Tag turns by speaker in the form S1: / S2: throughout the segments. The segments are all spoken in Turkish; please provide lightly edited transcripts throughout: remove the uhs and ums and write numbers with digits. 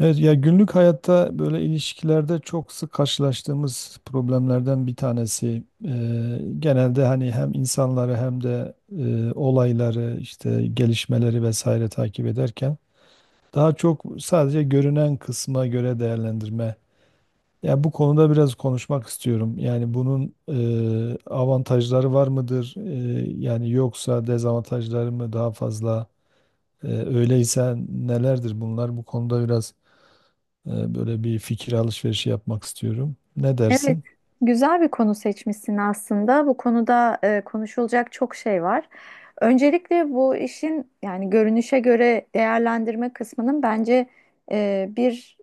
S1: Evet, ya günlük hayatta böyle ilişkilerde çok sık karşılaştığımız problemlerden bir tanesi. Genelde hani hem insanları hem de olayları işte gelişmeleri vesaire takip ederken daha çok sadece görünen kısma göre değerlendirme. Ya bu konuda biraz konuşmak istiyorum. Yani bunun avantajları var mıdır? Yani yoksa dezavantajları mı daha fazla? Öyleyse nelerdir bunlar? Bu konuda biraz böyle bir fikir alışverişi yapmak istiyorum. Ne
S2: Evet,
S1: dersin?
S2: güzel bir konu seçmişsin aslında. Bu konuda konuşulacak çok şey var. Öncelikle bu işin yani görünüşe göre değerlendirme kısmının bence e, bir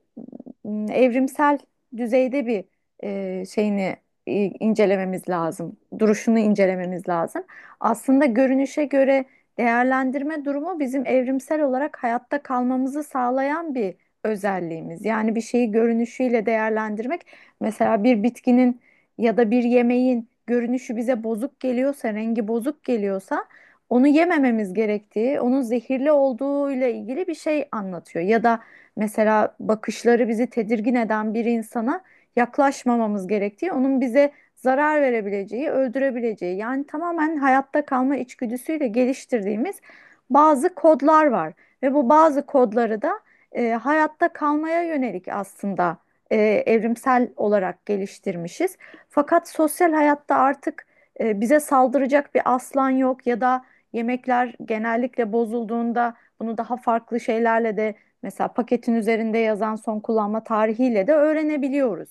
S2: evrimsel düzeyde bir şeyini incelememiz lazım. Duruşunu incelememiz lazım. Aslında görünüşe göre değerlendirme durumu bizim evrimsel olarak hayatta kalmamızı sağlayan bir özelliğimiz. Yani bir şeyi görünüşüyle değerlendirmek. Mesela bir bitkinin ya da bir yemeğin görünüşü bize bozuk geliyorsa, rengi bozuk geliyorsa onu yemememiz gerektiği, onun zehirli olduğu ile ilgili bir şey anlatıyor. Ya da mesela bakışları bizi tedirgin eden bir insana yaklaşmamamız gerektiği, onun bize zarar verebileceği, öldürebileceği. Yani tamamen hayatta kalma içgüdüsüyle geliştirdiğimiz bazı kodlar var ve bu bazı kodları da hayatta kalmaya yönelik aslında e, evrimsel olarak geliştirmişiz. Fakat sosyal hayatta artık bize saldıracak bir aslan yok ya da yemekler genellikle bozulduğunda bunu daha farklı şeylerle de mesela paketin üzerinde yazan son kullanma tarihiyle de öğrenebiliyoruz.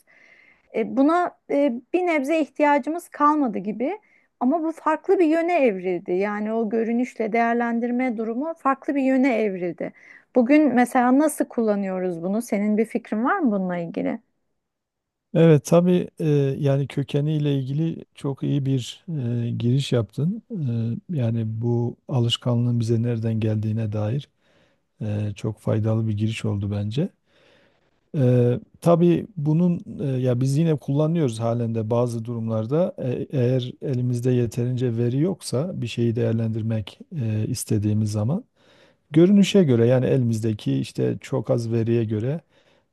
S2: Buna bir nebze ihtiyacımız kalmadı gibi, ama bu farklı bir yöne evrildi. Yani o görünüşle değerlendirme durumu farklı bir yöne evrildi. Bugün mesela nasıl kullanıyoruz bunu? Senin bir fikrin var mı bununla ilgili?
S1: Evet, tabii, yani kökeniyle ilgili çok iyi bir giriş yaptın. Yani bu alışkanlığın bize nereden geldiğine dair çok faydalı bir giriş oldu bence. Tabii bunun ya biz yine kullanıyoruz halen de bazı durumlarda. Eğer elimizde yeterince veri yoksa bir şeyi değerlendirmek istediğimiz zaman görünüşe göre, yani elimizdeki işte çok az veriye göre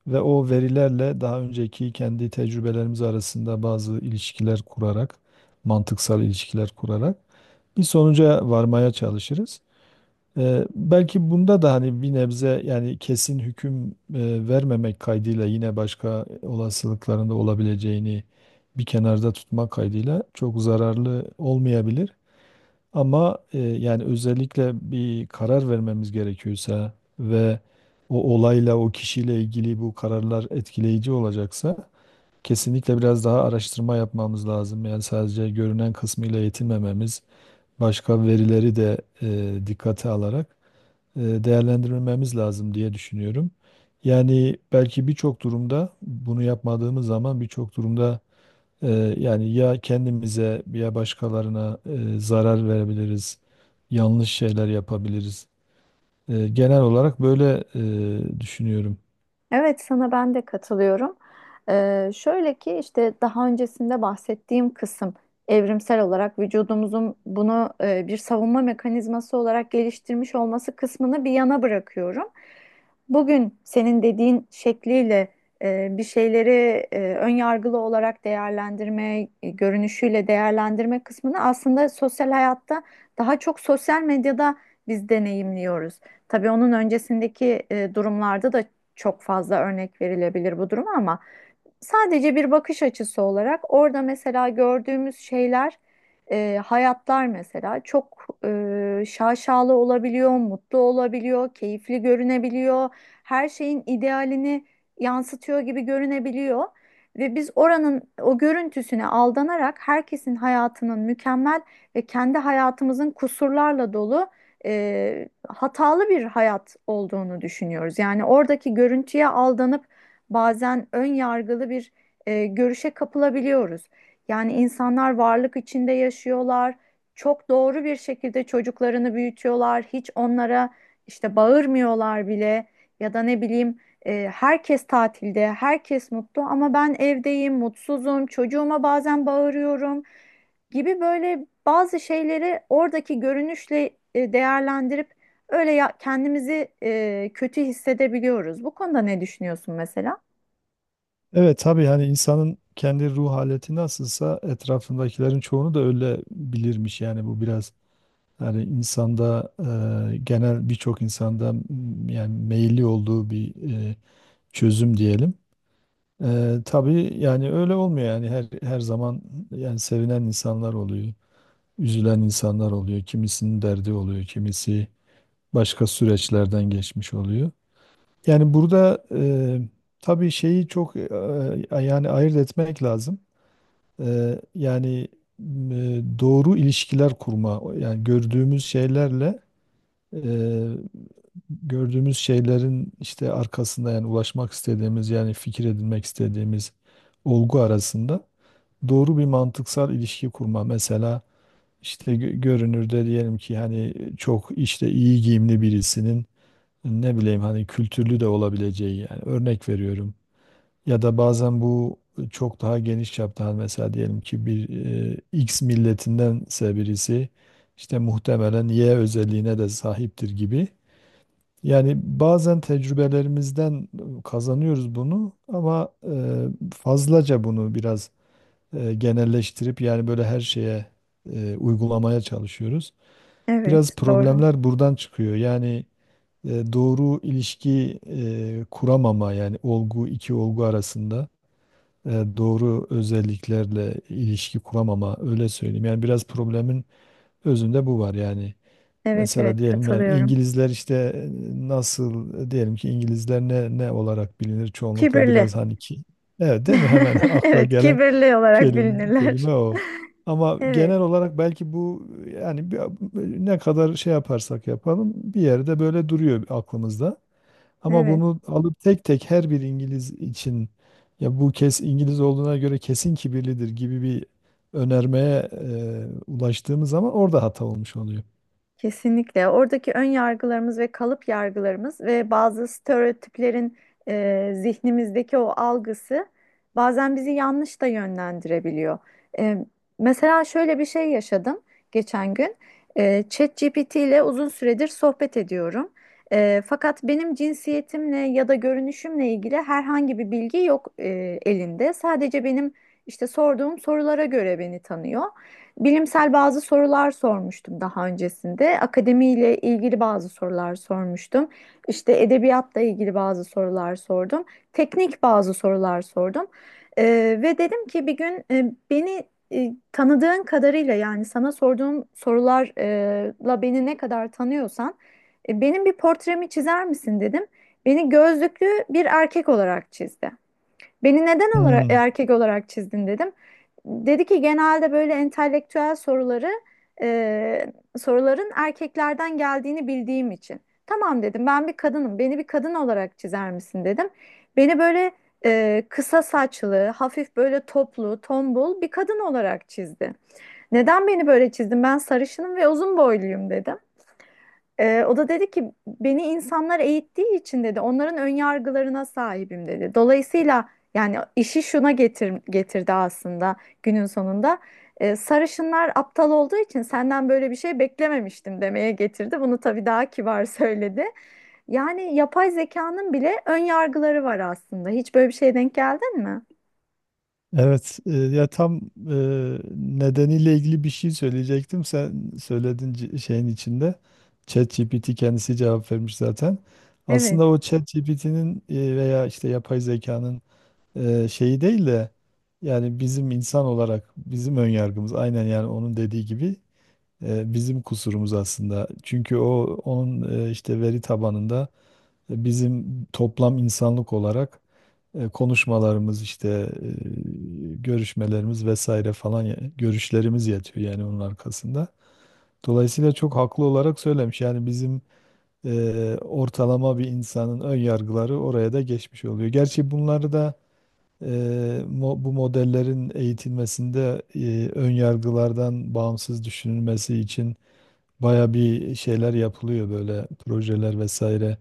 S1: ve o verilerle daha önceki kendi tecrübelerimiz arasında bazı ilişkiler kurarak, mantıksal ilişkiler kurarak bir sonuca varmaya çalışırız. Belki bunda da hani bir nebze, yani kesin hüküm vermemek kaydıyla, yine başka olasılıklarında olabileceğini bir kenarda tutmak kaydıyla, çok zararlı olmayabilir. Ama özellikle bir karar vermemiz gerekiyorsa ve o olayla, o kişiyle ilgili bu kararlar etkileyici olacaksa, kesinlikle biraz daha araştırma yapmamız lazım. Yani sadece görünen kısmıyla yetinmememiz, başka verileri de dikkate alarak değerlendirmemiz lazım diye düşünüyorum. Yani belki birçok durumda bunu yapmadığımız zaman, birçok durumda yani ya kendimize ya başkalarına zarar verebiliriz, yanlış şeyler yapabiliriz. Genel olarak böyle düşünüyorum.
S2: Evet, sana ben de katılıyorum. Şöyle ki işte daha öncesinde bahsettiğim kısım, evrimsel olarak vücudumuzun bunu bir savunma mekanizması olarak geliştirmiş olması kısmını bir yana bırakıyorum. Bugün senin dediğin şekliyle bir şeyleri ön yargılı olarak değerlendirme, görünüşüyle değerlendirme kısmını aslında sosyal hayatta, daha çok sosyal medyada biz deneyimliyoruz. Tabii onun öncesindeki durumlarda da çok fazla örnek verilebilir bu duruma, ama sadece bir bakış açısı olarak orada mesela gördüğümüz şeyler, hayatlar mesela çok şaşalı olabiliyor, mutlu olabiliyor, keyifli görünebiliyor. Her şeyin idealini yansıtıyor gibi görünebiliyor. Ve biz oranın o görüntüsüne aldanarak herkesin hayatının mükemmel ve kendi hayatımızın kusurlarla dolu, hatalı bir hayat olduğunu düşünüyoruz. Yani oradaki görüntüye aldanıp bazen ön yargılı bir görüşe kapılabiliyoruz. Yani insanlar varlık içinde yaşıyorlar. Çok doğru bir şekilde çocuklarını büyütüyorlar. Hiç onlara işte bağırmıyorlar bile, ya da ne bileyim, herkes tatilde, herkes mutlu ama ben evdeyim, mutsuzum, çocuğuma bazen bağırıyorum gibi böyle bazı şeyleri oradaki görünüşle değerlendirip öyle ya, kendimizi kötü hissedebiliyoruz. Bu konuda ne düşünüyorsun mesela?
S1: Evet, tabii, hani insanın kendi ruh haleti nasılsa etrafındakilerin çoğunu da öyle bilirmiş. Yani bu biraz hani insanda genel, birçok insanda yani meyilli olduğu bir çözüm diyelim. Tabii yani öyle olmuyor. Yani her zaman yani sevinen insanlar oluyor, üzülen insanlar oluyor. Kimisinin derdi oluyor, kimisi başka süreçlerden geçmiş oluyor. Yani burada tabii şeyi çok yani ayırt etmek lazım. E, yani doğru ilişkiler kurma, yani gördüğümüz şeylerle, e, gördüğümüz şeylerin işte arkasında, yani ulaşmak istediğimiz, yani fikir edinmek istediğimiz olgu arasında doğru bir mantıksal ilişki kurma. Mesela işte görünürde, diyelim ki hani çok işte iyi giyimli birisinin ne bileyim hani kültürlü de olabileceği, yani örnek veriyorum. Ya da bazen bu çok daha geniş çapta, hani mesela diyelim ki bir X milletindense birisi işte muhtemelen Y özelliğine de sahiptir gibi. Yani bazen tecrübelerimizden kazanıyoruz bunu, ama fazlaca bunu biraz genelleştirip, yani böyle her şeye uygulamaya çalışıyoruz. Biraz
S2: Evet, doğru.
S1: problemler buradan çıkıyor. Yani doğru ilişki kuramama, yani iki olgu arasında e, doğru özelliklerle ilişki kuramama, öyle söyleyeyim. Yani biraz problemin özünde bu var yani.
S2: Evet, evet,
S1: Mesela diyelim yani
S2: katılıyorum.
S1: İngilizler işte nasıl diyelim ki İngilizler ne olarak bilinir çoğunlukla,
S2: Kibirli.
S1: biraz hani ki evet, değil mi? Hemen akla
S2: Evet,
S1: gelen
S2: kibirli olarak
S1: kelime,
S2: bilinirler.
S1: kelime o. Ama
S2: Evet,
S1: genel olarak belki bu, yani ne kadar şey yaparsak yapalım bir yerde böyle duruyor aklımızda. Ama
S2: evet.
S1: bunu alıp tek tek her bir İngiliz için, ya bu kes İngiliz olduğuna göre kesin kibirlidir gibi bir önermeye ulaştığımız zaman orada hata olmuş oluyor.
S2: Kesinlikle. Oradaki ön yargılarımız ve kalıp yargılarımız ve bazı stereotiplerin zihnimizdeki o algısı bazen bizi yanlış da yönlendirebiliyor. E, mesela şöyle bir şey yaşadım geçen gün. E, ChatGPT ile uzun süredir sohbet ediyorum. E, fakat benim cinsiyetimle ya da görünüşümle ilgili herhangi bir bilgi yok elinde. Sadece benim işte sorduğum sorulara göre beni tanıyor. Bilimsel bazı sorular sormuştum daha öncesinde. Akademiyle ilgili bazı sorular sormuştum. İşte edebiyatla ilgili bazı sorular sordum. Teknik bazı sorular sordum. Ve dedim ki bir gün beni tanıdığın kadarıyla, yani sana sorduğum sorularla beni ne kadar tanıyorsan benim bir portremi çizer misin dedim. Beni gözlüklü bir erkek olarak çizdi. Beni neden olarak,
S1: Hmm.
S2: erkek olarak çizdin dedim. Dedi ki genelde böyle entelektüel soruları soruların erkeklerden geldiğini bildiğim için. Tamam dedim, ben bir kadınım, beni bir kadın olarak çizer misin dedim. Beni böyle kısa saçlı, hafif böyle toplu, tombul bir kadın olarak çizdi. Neden beni böyle çizdin, ben sarışınım ve uzun boyluyum dedim. O da dedi ki beni insanlar eğittiği için, dedi, onların ön yargılarına sahibim dedi. Dolayısıyla yani işi şuna getirdi aslında günün sonunda. Sarışınlar aptal olduğu için senden böyle bir şey beklememiştim demeye getirdi. Bunu tabii daha kibar söyledi. Yani yapay zekanın bile ön yargıları var aslında. Hiç böyle bir şeye denk geldin mi?
S1: Evet, ya tam e, nedeniyle ilgili bir şey söyleyecektim. Sen söyledin şeyin içinde. ChatGPT kendisi cevap vermiş zaten.
S2: Evet,
S1: Aslında o ChatGPT'nin veya işte yapay zekanın şeyi değil de yani bizim, insan olarak bizim önyargımız, aynen yani onun dediği gibi bizim kusurumuz aslında. Çünkü o, onun işte veri tabanında bizim toplam insanlık olarak konuşmalarımız işte e, görüşmelerimiz vesaire falan, görüşlerimiz yatıyor yani onun arkasında. Dolayısıyla çok haklı olarak söylemiş. Yani bizim ortalama bir insanın ön yargıları oraya da geçmiş oluyor. Gerçi bunları da e, bu modellerin eğitilmesinde ön yargılardan bağımsız düşünülmesi için baya bir şeyler yapılıyor, böyle projeler vesaire.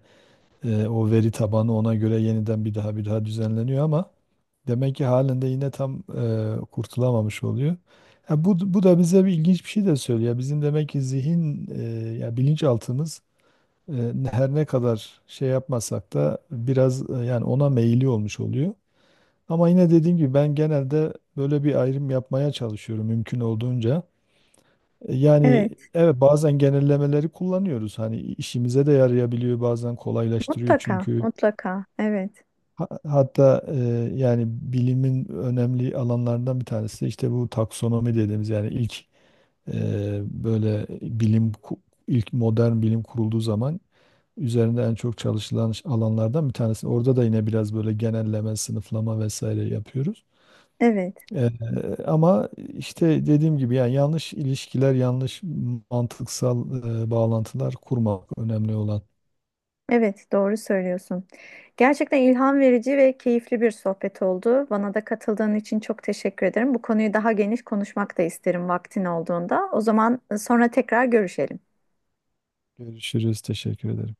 S1: O veri tabanı ona göre yeniden bir daha bir daha düzenleniyor, ama demek ki halen de yine tam kurtulamamış oluyor. Ya bu da bize bir ilginç bir şey de söylüyor. Bizim demek ki zihin ya bilinçaltımız e, her ne kadar şey yapmasak da biraz yani ona meyilli olmuş oluyor. Ama yine dediğim gibi ben genelde böyle bir ayrım yapmaya çalışıyorum mümkün olduğunca. Yani
S2: evet.
S1: evet, bazen genellemeleri kullanıyoruz. Hani işimize de yarayabiliyor, bazen kolaylaştırıyor
S2: Mutlaka,
S1: çünkü.
S2: mutlaka. Evet,
S1: Hatta yani bilimin önemli alanlarından bir tanesi de işte bu taksonomi dediğimiz, yani ilk böyle bilim ku- ilk modern bilim kurulduğu zaman üzerinde en çok çalışılan alanlardan bir tanesi. Orada da yine biraz böyle genelleme, sınıflama vesaire yapıyoruz.
S2: evet.
S1: E, Ama işte dediğim gibi yani yanlış ilişkiler, yanlış mantıksal bağlantılar kurmak önemli olan.
S2: Evet, doğru söylüyorsun. Gerçekten ilham verici ve keyifli bir sohbet oldu. Bana da katıldığın için çok teşekkür ederim. Bu konuyu daha geniş konuşmak da isterim vaktin olduğunda. O zaman sonra tekrar görüşelim.
S1: Görüşürüz. Teşekkür ederim.